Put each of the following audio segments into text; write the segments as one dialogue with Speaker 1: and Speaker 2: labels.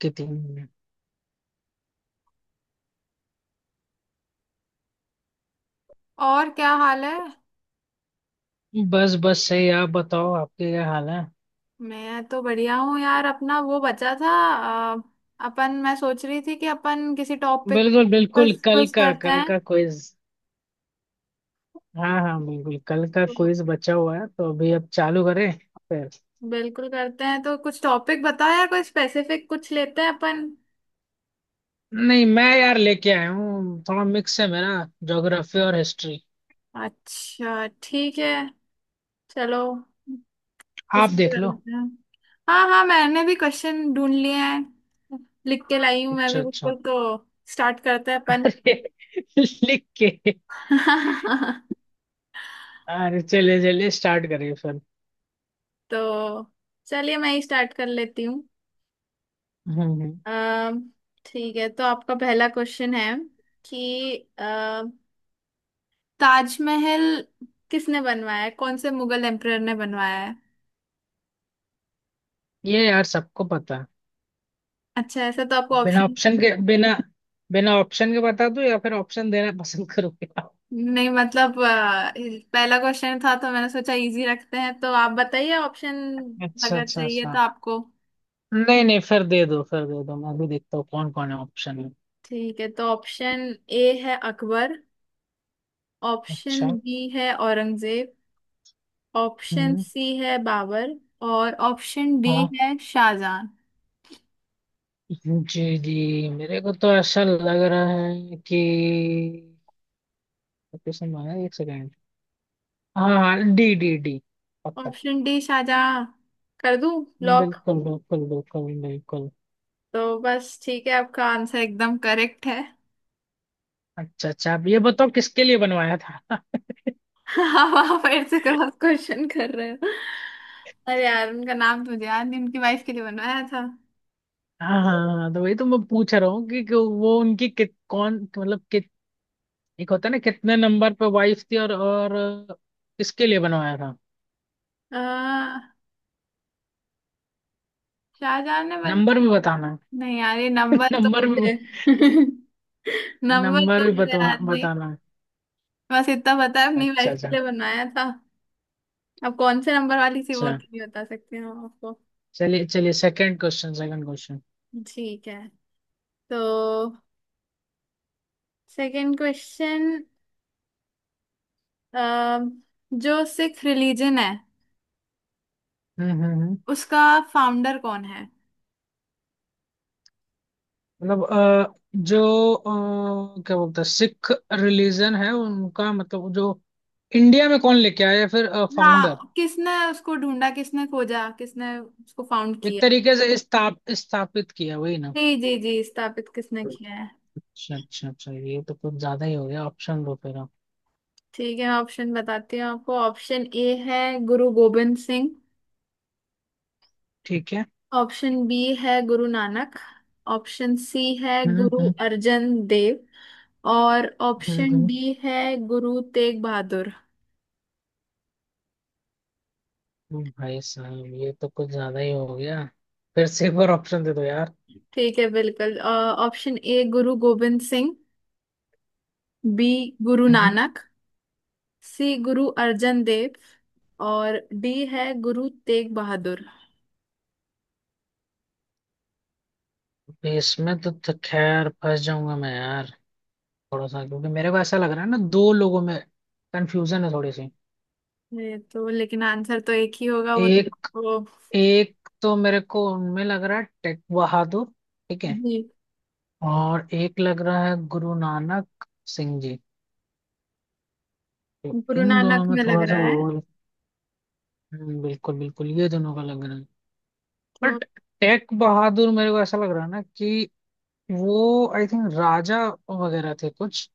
Speaker 1: के तीन मिनट।
Speaker 2: और क्या हाल है।
Speaker 1: बस बस सही। आप बताओ, आपके क्या हाल है?
Speaker 2: मैं तो बढ़िया हूँ यार। अपना वो बचा था। अ, अपन, मैं सोच रही थी कि अपन किसी टॉपिक,
Speaker 1: बिल्कुल बिल्कुल।
Speaker 2: बस
Speaker 1: कल
Speaker 2: क्विज
Speaker 1: का
Speaker 2: करते हैं
Speaker 1: क्विज। हाँ हाँ, बिल्कुल। कल का
Speaker 2: तो।
Speaker 1: क्विज बचा हुआ है तो अभी अब चालू करें फिर।
Speaker 2: बिल्कुल करते हैं, तो कुछ टॉपिक बताओ यार, कोई स्पेसिफिक कुछ लेते हैं अपन।
Speaker 1: नहीं, मैं यार लेके आया हूँ, थोड़ा मिक्स है मेरा। ज्योग्राफी और हिस्ट्री।
Speaker 2: अच्छा ठीक है। चलो,
Speaker 1: आप
Speaker 2: उसी पे
Speaker 1: देख
Speaker 2: कर
Speaker 1: लो।
Speaker 2: लेते हैं। हाँ हाँ, मैंने भी क्वेश्चन ढूंढ लिए हैं। लिख के लाई हूँ मैं
Speaker 1: अच्छा
Speaker 2: भी
Speaker 1: अच्छा।
Speaker 2: बिल्कुल। तो स्टार्ट करते हैं अपन।
Speaker 1: लिख के। अरे, चलिए चलिए, स्टार्ट करिए फिर।
Speaker 2: तो चलिए, मैं ही स्टार्ट कर लेती।
Speaker 1: हम्म हम्म।
Speaker 2: अम, ठीक है, तो आपका पहला क्वेश्चन है कि ताजमहल किसने बनवाया है, कौन से मुगल एम्परर ने बनवाया है।
Speaker 1: ये यार सबको पता है।
Speaker 2: अच्छा, ऐसा तो आपको
Speaker 1: अब बिना
Speaker 2: ऑप्शन।
Speaker 1: ऑप्शन के, बिना बिना ऑप्शन के बता दूं या फिर ऑप्शन देना पसंद करूंगा।
Speaker 2: नहीं मतलब, पहला क्वेश्चन था तो मैंने सोचा इजी रखते हैं, तो आप बताइए ऑप्शन
Speaker 1: अच्छा
Speaker 2: अगर
Speaker 1: अच्छा
Speaker 2: चाहिए तो
Speaker 1: अच्छा।
Speaker 2: आपको।
Speaker 1: नहीं नहीं, फिर दे दो। मैं भी देखता हूँ कौन कौन है ऑप्शन में।
Speaker 2: ठीक है, तो ऑप्शन ए है अकबर, ऑप्शन
Speaker 1: अच्छा।
Speaker 2: बी है औरंगजेब, ऑप्शन
Speaker 1: हम्म।
Speaker 2: सी है बाबर, और ऑप्शन डी
Speaker 1: हाँ,
Speaker 2: है शाहजहां।
Speaker 1: जी जी, मेरे को तो ऐसा लग रहा है कि लोकेशन मांगा। एक सेकेंड। हाँ हाँ, डी डी डी, पक्का।
Speaker 2: ऑप्शन डी शाहजहां कर दूं लॉक।
Speaker 1: बिल्कुल बिल्कुल बिल्कुल बिल्कुल।
Speaker 2: तो बस ठीक है, आपका आंसर एकदम करेक्ट है।
Speaker 1: अच्छा अच्छा, अब ये बताओ किसके लिए बनवाया था।
Speaker 2: अब आप फिर से क्रॉस क्वेश्चन कर रहे हो। अरे यार, उनका नाम तो मुझे याद नहीं, उनकी वाइफ के लिए बनवाया था।
Speaker 1: हाँ हाँ हाँ, तो वही तो मैं पूछ रहा हूँ कि वो उनकी कित कौन मतलब कित एक होता है ना कितने नंबर पे वाइफ थी, और किसके लिए बनवाया।
Speaker 2: आ, शाहजहां ने बनवाया।
Speaker 1: नंबर भी बताना है?
Speaker 2: नहीं यार, ये नंबर तो
Speaker 1: नंबर भी
Speaker 2: मुझे नंबर
Speaker 1: नंबर
Speaker 2: तो
Speaker 1: भी
Speaker 2: मुझे
Speaker 1: बतवा
Speaker 2: याद नहीं।
Speaker 1: बताना है।
Speaker 2: बस इतना पता है, अपनी
Speaker 1: अच्छा
Speaker 2: वाइफ
Speaker 1: अच्छा
Speaker 2: के लिए बनवाया था। अब कौन से नंबर वाली थी वो
Speaker 1: अच्छा,
Speaker 2: तो नहीं बता सकते हम आपको।
Speaker 1: चलिए चलिए, सेकंड क्वेश्चन, सेकंड क्वेश्चन।
Speaker 2: ठीक है, तो सेकंड क्वेश्चन, अ, जो सिख रिलीजन है
Speaker 1: हम्म हम्म हम्म।
Speaker 2: उसका फाउंडर कौन है।
Speaker 1: मतलब जो क्या बोलते हैं, सिख रिलीजन है उनका, मतलब जो इंडिया में कौन लेके आया या फिर फाउंडर।
Speaker 2: हाँ, किसने उसको ढूंढा, किसने खोजा, किसने उसको फाउंड
Speaker 1: एक
Speaker 2: किया।
Speaker 1: तरीके से स्थापित किया, वही ना।
Speaker 2: जी जी जी, स्थापित किसने किया है।
Speaker 1: अच्छा अच्छा अच्छा, ये तो कुछ ज्यादा ही हो गया। ऑप्शन दो फिर आप।
Speaker 2: ठीक है, ऑप्शन बताती हूँ आपको। ऑप्शन ए है गुरु गोबिंद सिंह,
Speaker 1: ठीक है।
Speaker 2: ऑप्शन बी है गुरु नानक, ऑप्शन सी है
Speaker 1: हम्म
Speaker 2: गुरु
Speaker 1: हम्म
Speaker 2: अर्जन देव, और ऑप्शन
Speaker 1: हम्म।
Speaker 2: डी है गुरु तेग बहादुर।
Speaker 1: भाई साहब, ये तो कुछ ज्यादा ही हो गया। फिर से एक बार ऑप्शन दे दो यार।
Speaker 2: ठीक है बिल्कुल। Option A Guru Gobind Singh, B Guru
Speaker 1: हम्म।
Speaker 2: नानक, सी गुरु अर्जन देव, और डी है गुरु तेग बहादुर।
Speaker 1: इसमें तो खैर फंस जाऊंगा मैं यार। थोड़ा सा, क्योंकि मेरे को ऐसा लग रहा है ना, दो लोगों में कंफ्यूजन है थोड़ी सी।
Speaker 2: ये तो लेकिन आंसर तो एक ही होगा। वो
Speaker 1: एक
Speaker 2: वो
Speaker 1: एक तो मेरे को उनमें लग रहा है टेक बहादुर। ठीक है।
Speaker 2: जी,
Speaker 1: और एक लग रहा है गुरु नानक सिंह जी। तो
Speaker 2: गुरु
Speaker 1: इन दोनों
Speaker 2: नानक
Speaker 1: में
Speaker 2: में लग
Speaker 1: थोड़ा सा
Speaker 2: रहा
Speaker 1: वो।
Speaker 2: है
Speaker 1: बिल्कुल बिल्कुल, ये दोनों का लग रहा है।
Speaker 2: तो।
Speaker 1: बट टेक बहादुर मेरे को ऐसा लग रहा है ना कि वो आई थिंक राजा वगैरह थे कुछ।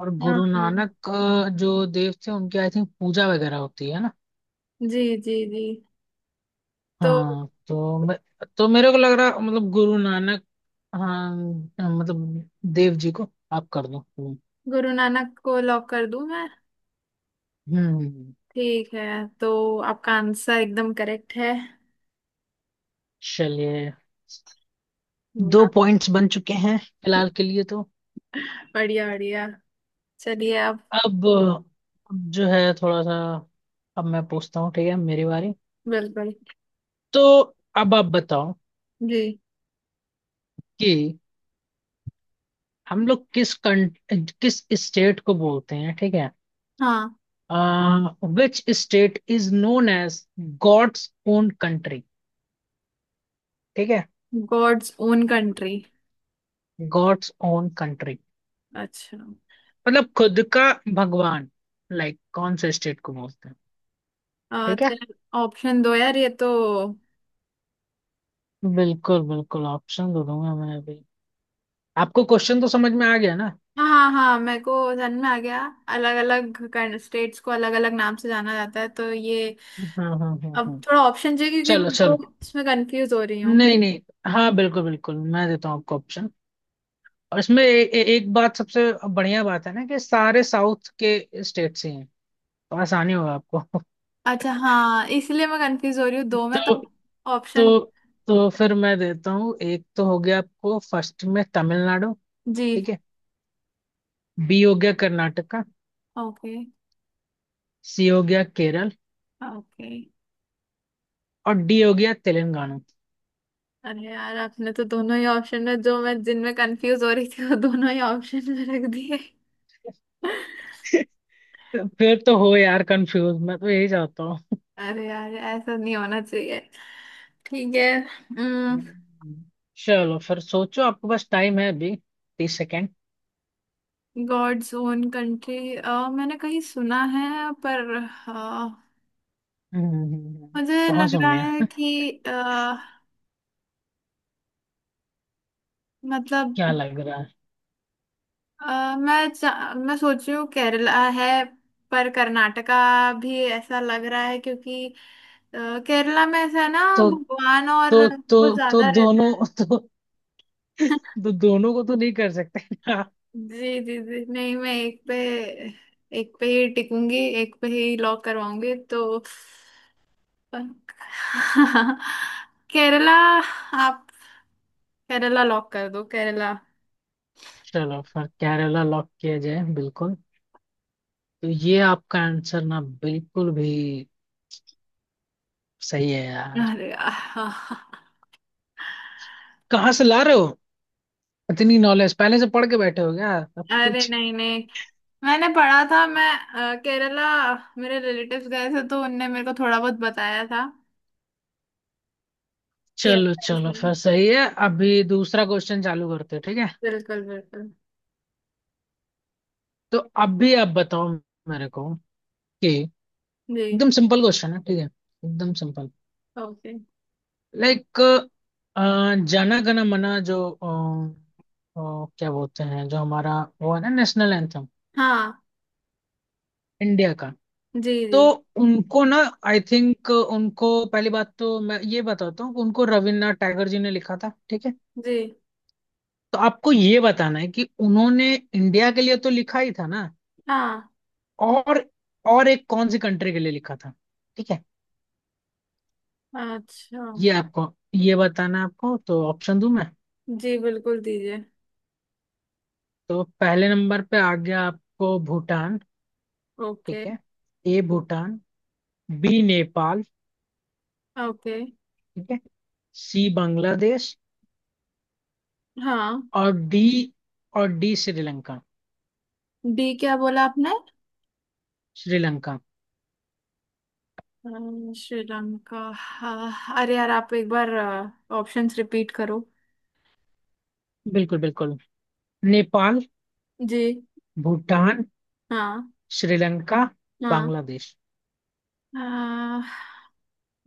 Speaker 1: और
Speaker 2: हाँ
Speaker 1: गुरु
Speaker 2: हाँ,
Speaker 1: नानक जो देव थे, उनकी आई थिंक पूजा वगैरह होती है ना।
Speaker 2: जी जी जी। तो
Speaker 1: हाँ तो मैं, तो मेरे को लग रहा, मतलब गुरु नानक। हाँ, मतलब देव जी को आप कर दो। हम्म।
Speaker 2: गुरु नानक को लॉक कर दूं मैं।
Speaker 1: हम्म,
Speaker 2: ठीक है, तो आपका आंसर एकदम करेक्ट है।
Speaker 1: चलिए, दो
Speaker 2: वाह,
Speaker 1: पॉइंट्स बन चुके हैं फिलहाल के लिए तो।
Speaker 2: बढ़िया बढ़िया। चलिए आप।
Speaker 1: अब अब जो है थोड़ा सा। अब मैं पूछता हूँ, ठीक है, मेरी बारी।
Speaker 2: बिल्कुल।
Speaker 1: तो अब आप बताओ
Speaker 2: जी
Speaker 1: कि हम लोग किस स्टेट को बोलते हैं, ठीक है।
Speaker 2: हाँ।
Speaker 1: Which state is known as god's own country. ठीक है।
Speaker 2: God's own country.
Speaker 1: God's own country.
Speaker 2: अच्छा।
Speaker 1: मतलब खुद का भगवान, लाइक like, कौन से स्टेट को बोलते हैं? ठीक
Speaker 2: तो
Speaker 1: है,
Speaker 2: ऑप्शन दो यार ये तो।
Speaker 1: बिल्कुल बिल्कुल। ऑप्शन दे दूंगा मैं अभी। आपको क्वेश्चन तो समझ में आ गया ना?
Speaker 2: हाँ हाँ हाँ, मेरे को सन में आ गया। अलग अलग स्टेट्स को अलग अलग नाम से जाना जाता है तो ये।
Speaker 1: हाँ हाँ हाँ
Speaker 2: अब
Speaker 1: हाँ।
Speaker 2: थोड़ा ऑप्शन चाहिए क्योंकि
Speaker 1: चलो
Speaker 2: मैं
Speaker 1: चलो।
Speaker 2: दो इसमें कंफ्यूज हो रही हूँ।
Speaker 1: नहीं नहीं। हाँ बिल्कुल बिल्कुल, मैं देता हूँ आपको ऑप्शन। और इसमें ए, ए, एक बात सबसे बढ़िया बात है ना कि सारे साउथ के स्टेट से, तो आसानी होगा आपको।
Speaker 2: अच्छा हाँ, इसलिए मैं कंफ्यूज हो रही हूँ दो में तो।
Speaker 1: तो
Speaker 2: ऑप्शन।
Speaker 1: तो तो फिर मैं देता हूँ, एक तो हो गया आपको फर्स्ट में, तमिलनाडु।
Speaker 2: जी।
Speaker 1: ठीक है। बी हो गया कर्नाटका।
Speaker 2: ओके।
Speaker 1: सी हो गया केरल।
Speaker 2: ओके।
Speaker 1: और डी हो गया तेलंगाना।
Speaker 2: अरे यार, आपने तो दोनों ही ऑप्शन में जो मैं जिनमें कंफ्यूज हो रही थी वो दोनों ही ऑप्शन में रख दिए।
Speaker 1: फिर तो हो यार कंफ्यूज, मैं तो यही चाहता हूँ।
Speaker 2: अरे यार, ऐसा नहीं होना चाहिए। ठीक है।
Speaker 1: हम्म, चलो फिर सोचो, आपके पास टाइम है अभी। 30 सेकेंड।
Speaker 2: गॉड्स ओन कंट्री मैंने कहीं सुना है, पर
Speaker 1: हम्म।
Speaker 2: मुझे
Speaker 1: कहाँ
Speaker 2: लग
Speaker 1: सुन
Speaker 2: रहा है
Speaker 1: लिया?
Speaker 2: कि मतलब,
Speaker 1: क्या लग रहा है?
Speaker 2: मैं सोच रही हूँ केरला है, पर कर्नाटका भी ऐसा लग रहा है क्योंकि अ, केरला में ऐसा है ना,
Speaker 1: तो
Speaker 2: भगवान और
Speaker 1: तो
Speaker 2: वो
Speaker 1: तो तो
Speaker 2: ज्यादा रहता
Speaker 1: दोनों
Speaker 2: है।
Speaker 1: तो, तो दोनों को तो नहीं कर सकते।
Speaker 2: जी जी जी। नहीं मैं एक पे ही टिकूंगी, एक पे ही लॉक करवाऊंगी तो। केरला। आप केरला लॉक कर दो, केरला।
Speaker 1: चलो फिर, केरला लॉक किया जाए, बिल्कुल। तो ये आपका आंसर ना बिल्कुल भी सही है यार।
Speaker 2: अरे आह,
Speaker 1: कहाँ से ला रहे हो इतनी नॉलेज? पहले से पढ़ के बैठे हो क्या अब
Speaker 2: अरे
Speaker 1: कुछ?
Speaker 2: नहीं नहीं, मैंने पढ़ा था मैं। केरला, मेरे रिलेटिव्स गए थे तो उनने मेरे को थोड़ा बहुत बताया था कि
Speaker 1: चलो
Speaker 2: ऐसा
Speaker 1: चलो,
Speaker 2: ऐसा है।
Speaker 1: फिर सही है। अभी दूसरा क्वेश्चन चालू करते हैं, ठीक है।
Speaker 2: बिल्कुल बिल्कुल।
Speaker 1: तो अभी आप बताओ मेरे को कि
Speaker 2: जी।
Speaker 1: एकदम सिंपल क्वेश्चन है, ठीक है, एकदम simple.
Speaker 2: Okay.
Speaker 1: Like, Jana Gana मना जो अ, क्या बोलते हैं, जो हमारा वो है ना, नेशनल एंथम,
Speaker 2: हाँ।
Speaker 1: इंडिया का।
Speaker 2: जी जी
Speaker 1: तो उनको ना आई थिंक उनको पहली बात तो मैं ये बताता हूँ कि उनको रविन्द्रनाथ टैगोर जी ने लिखा था। ठीक है।
Speaker 2: जी।
Speaker 1: तो आपको ये बताना है कि उन्होंने इंडिया के लिए तो लिखा ही था ना,
Speaker 2: हाँ।
Speaker 1: और और एक कौन सी कंट्री के लिए लिखा था। ठीक है।
Speaker 2: अच्छा।
Speaker 1: ये आपको ये बताना है आपको। तो ऑप्शन दूं मैं?
Speaker 2: जी बिल्कुल दीजिए।
Speaker 1: तो पहले नंबर पे आ गया आपको भूटान।
Speaker 2: ओके।
Speaker 1: ठीक है। A Bhutan. B Nepal.
Speaker 2: Okay.
Speaker 1: ठीक है। सी बांग्लादेश।
Speaker 2: हाँ।
Speaker 1: और डी। और डी श्रीलंका।
Speaker 2: डी क्या बोला आपने।
Speaker 1: श्रीलंका।
Speaker 2: श्रीलंका हाँ, अरे यार आप एक बार ऑप्शंस रिपीट करो।
Speaker 1: बिल्कुल बिल्कुल। नेपाल,
Speaker 2: जी।
Speaker 1: भूटान,
Speaker 2: हाँ।
Speaker 1: श्रीलंका,
Speaker 2: हाँ।
Speaker 1: बांग्लादेश।
Speaker 2: आ,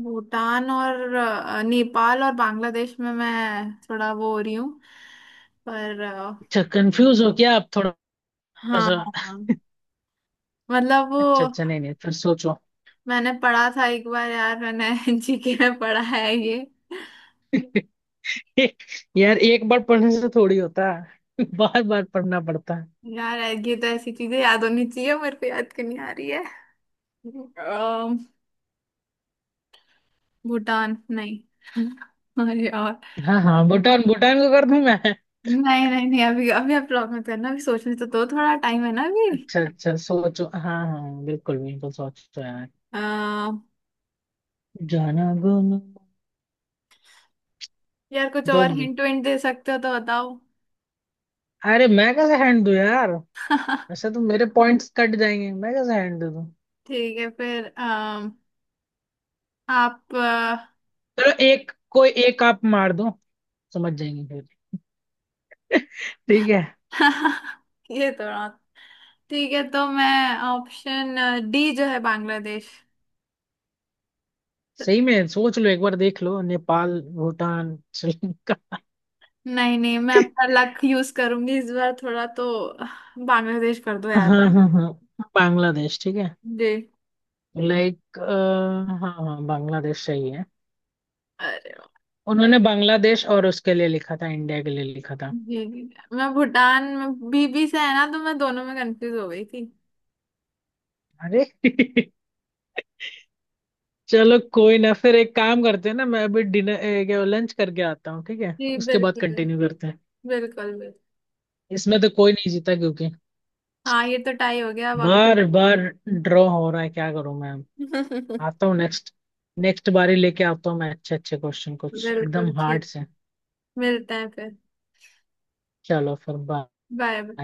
Speaker 2: भूटान और नेपाल और बांग्लादेश में मैं थोड़ा वो हो रही हूँ, पर आ।
Speaker 1: अच्छा, कंफ्यूज हो क्या आप थोड़ा
Speaker 2: हाँ।
Speaker 1: सा?
Speaker 2: हाँ। मतलब वो,
Speaker 1: अच्छा अच्छा, नहीं नहीं, फिर सोचो।
Speaker 2: मैंने पढ़ा था एक बार यार, मैंने जीके में पढ़ा है ये
Speaker 1: यार, एक बार पढ़ने से थोड़ी होता है। बार बार पढ़ना पड़ता है।
Speaker 2: यार। ये तो ऐसी चीजें याद होनी चाहिए, मेरे को याद क्यों नहीं आ रही है। आ, भूटान नहीं। अरे यार,
Speaker 1: हाँ हाँ, भूटान, भूटान को कर दूं मैं?
Speaker 2: नहीं नहीं नहीं, अभी अभी आप लॉक मत करना, अभी सोचने तो दो, थोड़ा टाइम है ना अभी।
Speaker 1: अच्छा अच्छा, सोचो। हाँ, हाँ बिल्कुल बिल्कुल सोचो यार।
Speaker 2: आ,
Speaker 1: जाना गुनो।
Speaker 2: यार कुछ और
Speaker 1: जल्दी।
Speaker 2: हिंट विंट दे सकते हो तो बताओ।
Speaker 1: अरे, मैं कैसे हैंड दूं यार? वैसे तो मेरे पॉइंट्स कट जाएंगे, मैं कैसे हैंड दे दूं?
Speaker 2: ठीक है फिर। आप अ।
Speaker 1: चलो, एक कोई एक आप मार दो, समझ जाएंगे फिर। ठीक है।
Speaker 2: ये तो रहा। ठीक है, तो मैं ऑप्शन डी जो है बांग्लादेश।
Speaker 1: सही में सोच लो, एक बार देख लो। नेपाल, भूटान, श्रीलंका।
Speaker 2: नहीं नहीं, मैं अपना लक यूज करूंगी इस बार थोड़ा तो। बांग्लादेश कर दो यार।
Speaker 1: हाँ हाँ हाँ, बांग्लादेश, ठीक है।
Speaker 2: जी।
Speaker 1: लाइक, हाँ हाँ बांग्लादेश सही है।
Speaker 2: अरे,
Speaker 1: उन्होंने बांग्लादेश, और उसके लिए लिखा था, इंडिया के लिए लिखा था।
Speaker 2: जी जी, मैं भूटान में बीबी से है ना, तो मैं दोनों में कंफ्यूज हो गई थी।
Speaker 1: अरे। चलो कोई ना, फिर एक काम करते हैं ना, मैं अभी डिनर क्या लंच करके आता हूँ, ठीक है,
Speaker 2: जी
Speaker 1: उसके बाद
Speaker 2: बिल्कुल,
Speaker 1: कंटिन्यू करते हैं।
Speaker 2: बिल्कुल बिल्कुल।
Speaker 1: इसमें तो कोई नहीं जीता, क्योंकि
Speaker 2: हाँ ये तो टाई हो गया अब अगर।
Speaker 1: बार बार ड्रॉ हो रहा है, क्या करूं मैं? आता हूँ नेक्स्ट, नेक्स्ट बारी लेके आता हूँ मैं अच्छे अच्छे क्वेश्चन कुछ एकदम
Speaker 2: बिल्कुल
Speaker 1: हार्ड
Speaker 2: ठीक,
Speaker 1: से।
Speaker 2: मिलते हैं फिर।
Speaker 1: चलो फिर, बाय।
Speaker 2: बाय।